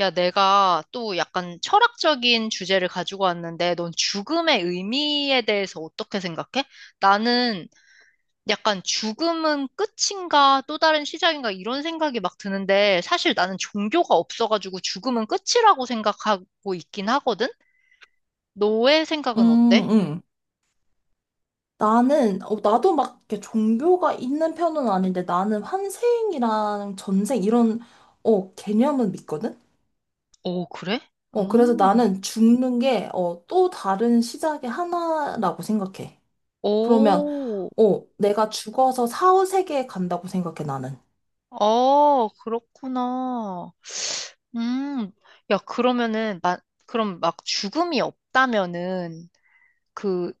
야, 내가 또 약간 철학적인 주제를 가지고 왔는데, 넌 죽음의 의미에 대해서 어떻게 생각해? 나는 약간 죽음은 끝인가 또 다른 시작인가 이런 생각이 막 드는데, 사실 나는 종교가 없어가지고 죽음은 끝이라고 생각하고 있긴 하거든? 너의 생각은 어때? 음, 음. 나도 막 이렇게 종교가 있는 편은 아닌데 나는 환생이랑 전생 이런, 개념은 믿거든? 오, 그래? 그래서 음, 나는 죽는 게, 또 다른 시작의 하나라고 생각해. 그러면, 오, 내가 죽어서 사후세계에 간다고 생각해, 나는. 어, 그렇구나. 음, 야, 그러면은, 나, 그럼 막 죽음이 없다면은, 그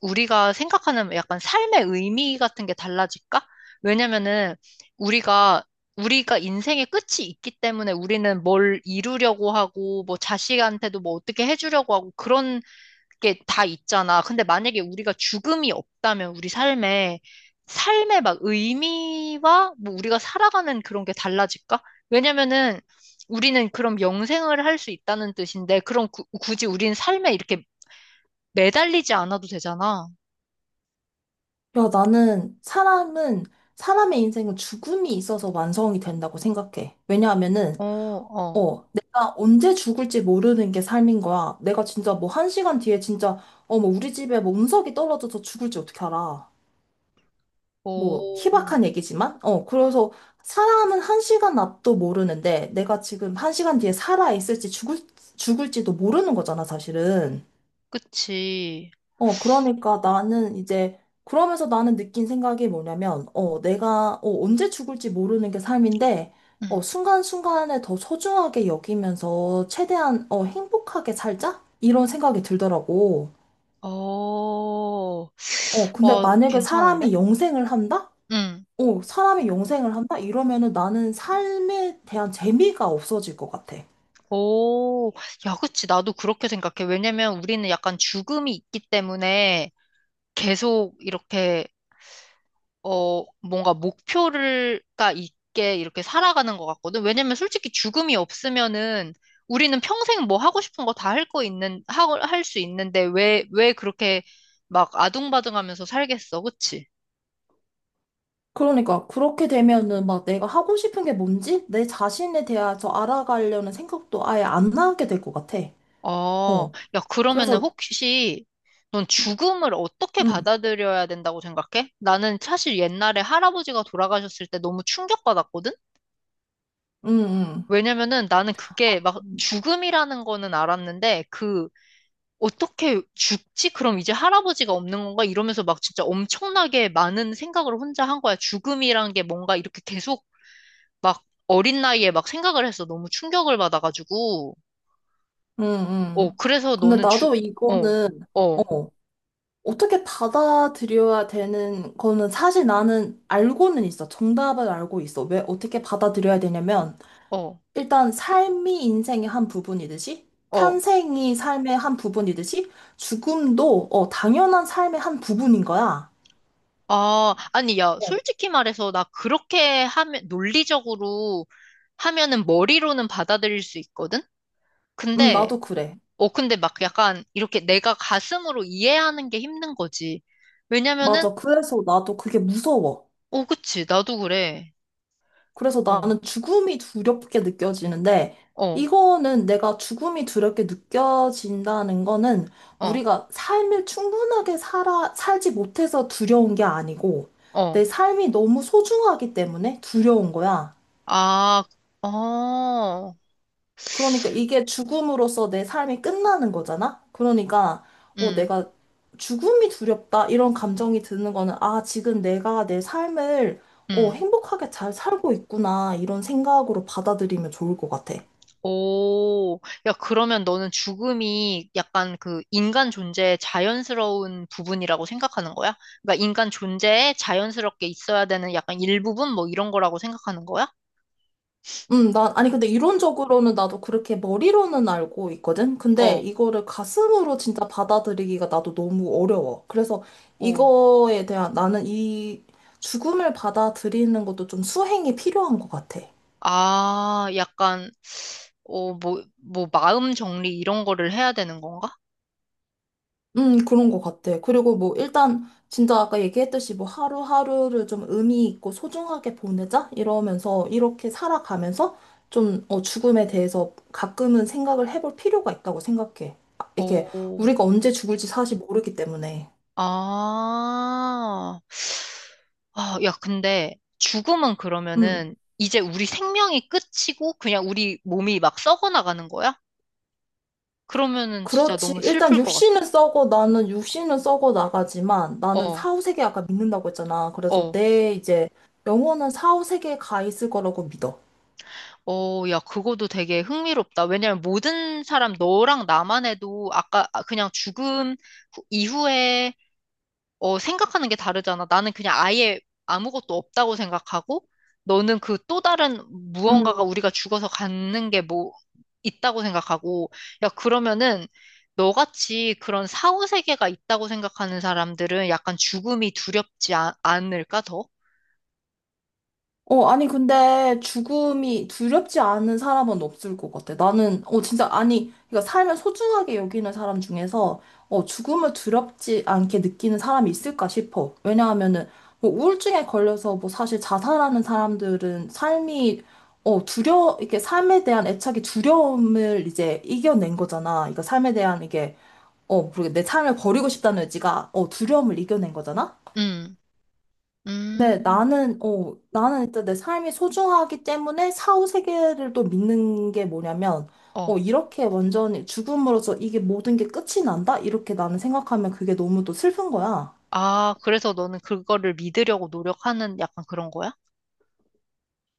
우리가 생각하는 약간 삶의 의미 같은 게 달라질까? 왜냐면은 우리가 우리가 인생의 끝이 있기 때문에 우리는 뭘 이루려고 하고 뭐 자식한테도 뭐 어떻게 해주려고 하고 그런 게 다 있잖아. 근데 만약에 우리가 죽음이 없다면 우리 삶에 삶의 막 의미와 뭐 우리가 살아가는 그런 게 달라질까? 왜냐면은 우리는 그럼 영생을 할 수 있다는 뜻인데 그럼 굳이 우리는 삶에 이렇게 매달리지 않아도 되잖아. 야, 사람의 인생은 죽음이 있어서 완성이 된다고 생각해. 왜냐하면은, 어, 어. 내가 언제 죽을지 모르는 게 삶인 거야. 내가 진짜 뭐 1시간 뒤에 진짜, 뭐 우리 집에 뭐 운석이 떨어져서 죽을지 어떻게 알아. 뭐 오, 희박한 얘기지만, 그래서 사람은 1시간 앞도 모르는데 내가 지금 1시간 뒤에 살아있을지 죽을지도 모르는 거잖아, 사실은. 그치. 그러니까 나는 이제, 그러면서 나는 느낀 생각이 뭐냐면, 내가, 언제 죽을지 모르는 게 삶인데, 응. 순간순간에 더 소중하게 여기면서 최대한, 행복하게 살자? 이런 생각이 들더라고. 어, 근데 와, 만약에 괜찮은데? 사람이 영생을 한다? 응. 사람이 영생을 한다? 이러면은 나는 삶에 대한 재미가 없어질 것 같아. 오, 야, 그치. 나도 그렇게 생각해. 왜냐면 우리는 약간 죽음이 있기 때문에 계속 이렇게 뭔가 목표가 있게 이렇게 살아가는 것 같거든. 왜냐면 솔직히 죽음이 없으면은 우리는 평생 뭐 하고 싶은 거 다 할 거 있는, 할 수 있는데 왜 그렇게 막 아둥바둥하면서 살겠어. 그치? 그러니까 그렇게 되면은 막 내가 하고 싶은 게 뭔지 내 자신에 대해서 알아가려는 생각도 아예 안 나게 될 것 같아. 어, 어. 야, 그러면은 그래서. 혹시 넌 죽음을 어떻게 음, 받아들여야 된다고 생각해? 나는 사실 옛날에 할아버지가 돌아가셨을 때 너무 충격받았거든? 음, 음, 왜냐면은 나는 그게 막 죽음이라는 거는 알았는데 그 어떻게 죽지? 그럼 이제 할아버지가 없는 건가? 이러면서 막 진짜 엄청나게 많은 생각을 혼자 한 거야. 죽음이란 게 뭔가 이렇게 계속 막 어린 나이에 막 생각을 해서 너무 충격을 받아가지고. 음, 어, 음. 그래서 근데 너는 나도 어, 이거는, 어, 어, 어떻게 받아들여야 되는 거는 사실 나는 알고는 있어. 정답을 알고 있어. 왜 어떻게 받아들여야 되냐면, 어, 일단 삶이 인생의 한 부분이듯이, 어. 탄생이 삶의 한 부분이듯이, 죽음도, 당연한 삶의 한 부분인 거야. 아, 아니, 야, 어. 솔직히 말해서 나 그렇게 하면, 논리적으로 하면은 머리로는 받아들일 수 있거든? 근데, 나도 그래. 근데 막 약간 이렇게 내가 가슴으로 이해하는 게 힘든 거지. 왜냐면은 맞아. 그래서 나도 그게 무서워. 어, 그치. 나도 그래. 그래서 어. 나는 죽음이 두렵게 느껴지는데, 어, 이거는 내가 죽음이 두렵게 느껴진다는 거는 어, 우리가 삶을 충분하게 살지 못해서 두려운 게 아니고, 어. 내 삶이 너무 소중하기 때문에 두려운 거야. 아, 어. 그러니까 이게 죽음으로써 내 삶이 끝나는 거잖아? 그러니까, 음, 내가 죽음이 두렵다, 이런 감정이 드는 거는, 아, 지금 내가 내 삶을 음. 행복하게 잘 살고 있구나, 이런 생각으로 받아들이면 좋을 것 같아. 오. 야, 그러면 너는 죽음이 약간 그 인간 존재의 자연스러운 부분이라고 생각하는 거야? 그러니까 인간 존재에 자연스럽게 있어야 되는 약간 일부분 뭐 이런 거라고 생각하는 거야? 아니, 근데 이론적으로는 나도 그렇게 머리로는 알고 있거든? 근데 어, 이거를 가슴으로 진짜 받아들이기가 나도 너무 어려워. 그래서 어. 이거에 대한 나는 이 죽음을 받아들이는 것도 좀 수행이 필요한 것 같아. 아, 약간, 뭐, 마음 정리 이런 거를 해야 되는 건가? 그런 것 같아. 그리고 뭐, 일단, 진짜 아까 얘기했듯이 뭐, 하루하루를 좀 의미 있고 소중하게 보내자? 이러면서, 이렇게 살아가면서, 좀, 죽음에 대해서 가끔은 생각을 해볼 필요가 있다고 생각해. 아, 이게, 오. 우리가 언제 죽을지 사실 모르기 때문에. 아, 아, 야, 근데 죽음은 음, 그러면은 이제 우리 생명이 끝이고 그냥 우리 몸이 막 썩어 나가는 거야? 그러면은 진짜 그렇지. 너무 일단, 슬플 것 같아. 나는 육신은 썩어 나가지만, 나는 어, 사후세계 아까 믿는다고 했잖아. 그래서 어, 내, 이제, 영혼은 사후세계에 가 있을 거라고 믿어. 어, 야, 그거도 되게 흥미롭다. 왜냐면 모든 사람, 너랑 나만 해도 아까 아, 그냥 죽음 이후에 생각하는 게 다르잖아. 나는 그냥 아예 아무것도 없다고 생각하고, 너는 그 또 다른 무언가가 우리가 죽어서 갖는 게 뭐 있다고 생각하고, 야, 그러면은 너같이 그런 사후세계가 있다고 생각하는 사람들은 약간 죽음이 두렵지 않을까, 더? 아니, 근데 죽음이 두렵지 않은 사람은 없을 것 같아. 나는, 진짜, 아니, 그러니까 삶을 소중하게 여기는 사람 중에서, 죽음을 두렵지 않게 느끼는 사람이 있을까 싶어. 왜냐하면은, 뭐, 우울증에 걸려서, 뭐, 사실 자살하는 사람들은 삶이, 이렇게 삶에 대한 애착이 두려움을 이제 이겨낸 거잖아. 그러니까 삶에 대한 이게, 모르겠내 삶을 버리고 싶다는 의지가, 두려움을 이겨낸 거잖아. 음, 음, 네, 나는 일단 내 삶이 소중하기 때문에 사후 세계를 또 믿는 게 뭐냐면, 어. 이렇게 완전히 죽음으로써 이게 모든 게 끝이 난다? 이렇게 나는 생각하면 그게 너무 또 슬픈 거야. 아, 그래서 너는 그거를 믿으려고 노력하는 약간 그런 거야?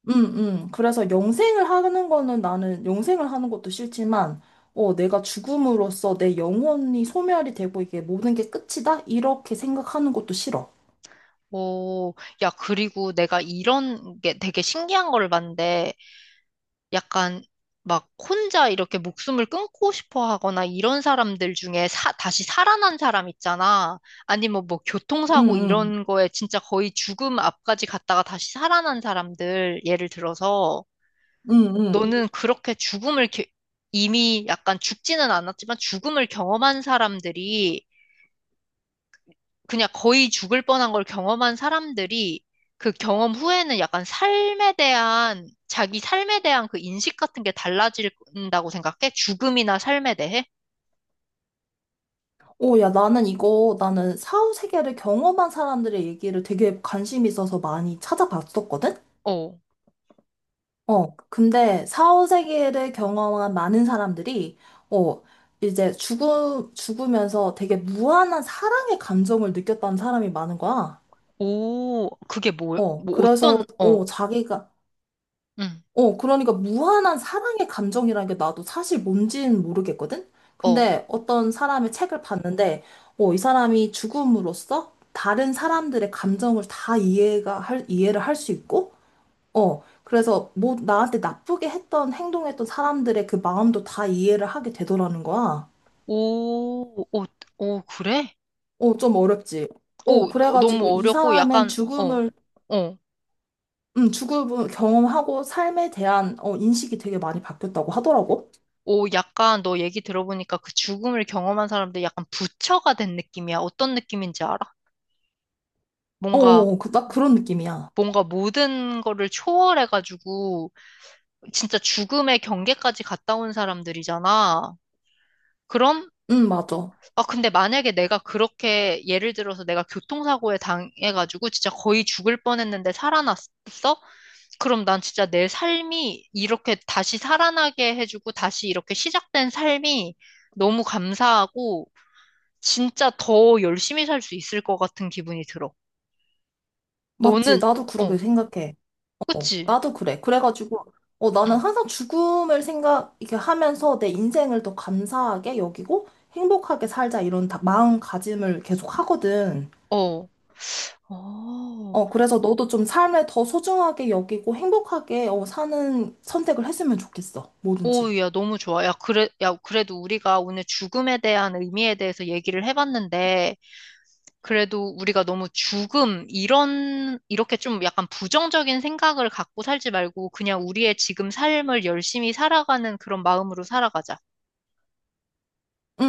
응응. 그래서 영생을 하는 거는 나는 영생을 하는 것도 싫지만, 내가 죽음으로써 내 영혼이 소멸이 되고 이게 모든 게 끝이다? 이렇게 생각하는 것도 싫어. 오, 야, 그리고 내가 이런 게 되게 신기한 거를 봤는데, 약간 막 혼자 이렇게 목숨을 끊고 싶어 하거나 이런 사람들 중에 다시 살아난 사람 있잖아. 아니면 뭐 응, 교통사고 응, 이런 거에 진짜 거의 죽음 앞까지 갔다가 다시 살아난 사람들 예를 들어서 응, 응. 너는 그렇게 죽음을 이미 약간 죽지는 않았지만 죽음을 경험한 사람들이 그냥 거의 죽을 뻔한 걸 경험한 사람들이 그 경험 후에는 약간 삶에 대한, 자기 삶에 대한 그 인식 같은 게 달라진다고 생각해? 죽음이나 삶에 대해? 오, 야, 나는 사후 세계를 경험한 사람들의 얘기를 되게 관심 있어서 많이 찾아봤었거든? 어, 근데 사후 세계를 경험한 많은 사람들이, 어, 이제 죽으면서 되게 무한한 사랑의 감정을 느꼈다는 사람이 많은 거야. 오, 그게 뭐, 어, 뭐 그래서, 어떤, 어, 어, 자기가, 응, 어, 그러니까 무한한 사랑의 감정이라는 게 나도 사실 뭔지는 모르겠거든? 어, 근데 어떤 사람의 책을 봤는데, 이 사람이 죽음으로써 다른 사람들의 감정을 다 이해를 할 수 있고, 그래서 뭐 나한테 행동했던 사람들의 그 마음도 다 이해를 하게 되더라는 거야. 오, 오, 오, 그래? 좀 어렵지. 오, 너무 그래가지고 이 어렵고 사람은 약간, 어, 죽음을, 어. 음, 죽음을 경험하고 삶에 대한, 인식이 되게 많이 바뀌었다고 하더라고. 오, 약간 너 얘기 들어보니까 그 죽음을 경험한 사람들 약간 부처가 된 느낌이야. 어떤 느낌인지 알아? 뭔가 딱 그런 느낌이야. 뭔가 모든 거를 초월해가지고 진짜 죽음의 경계까지 갔다 온 사람들이잖아. 그럼, 응, 맞아. 아, 근데 만약에 내가 그렇게 예를 들어서 내가 교통사고에 당해가지고 진짜 거의 죽을 뻔했는데 살아났어? 그럼 난 진짜 내 삶이 이렇게 다시 살아나게 해주고 다시 이렇게 시작된 삶이 너무 감사하고 진짜 더 열심히 살 수 있을 것 같은 기분이 들어. 맞지. 너는, 나도 그렇게 어, 생각해. 그치? 나도 그래. 그래가지고, 응. 나는 항상 죽음을 생각, 이렇게 하면서 내 인생을 더 감사하게 여기고 행복하게 살자 이런 마음가짐을 계속 하거든. 어. 어. 그래서 너도 좀 삶을 더 소중하게 여기고 행복하게, 사는 선택을 했으면 좋겠어. 뭐든지. 오, 야, 응. 너무 좋아. 야, 그래, 야, 그래도 우리가 오늘 죽음에 대한 의미에 대해서 얘기를 해봤는데, 그래도 우리가 너무 죽음, 이런, 이렇게 좀 약간 부정적인 생각을 갖고 살지 말고, 그냥 우리의 지금 삶을 열심히 살아가는 그런 마음으로 살아가자.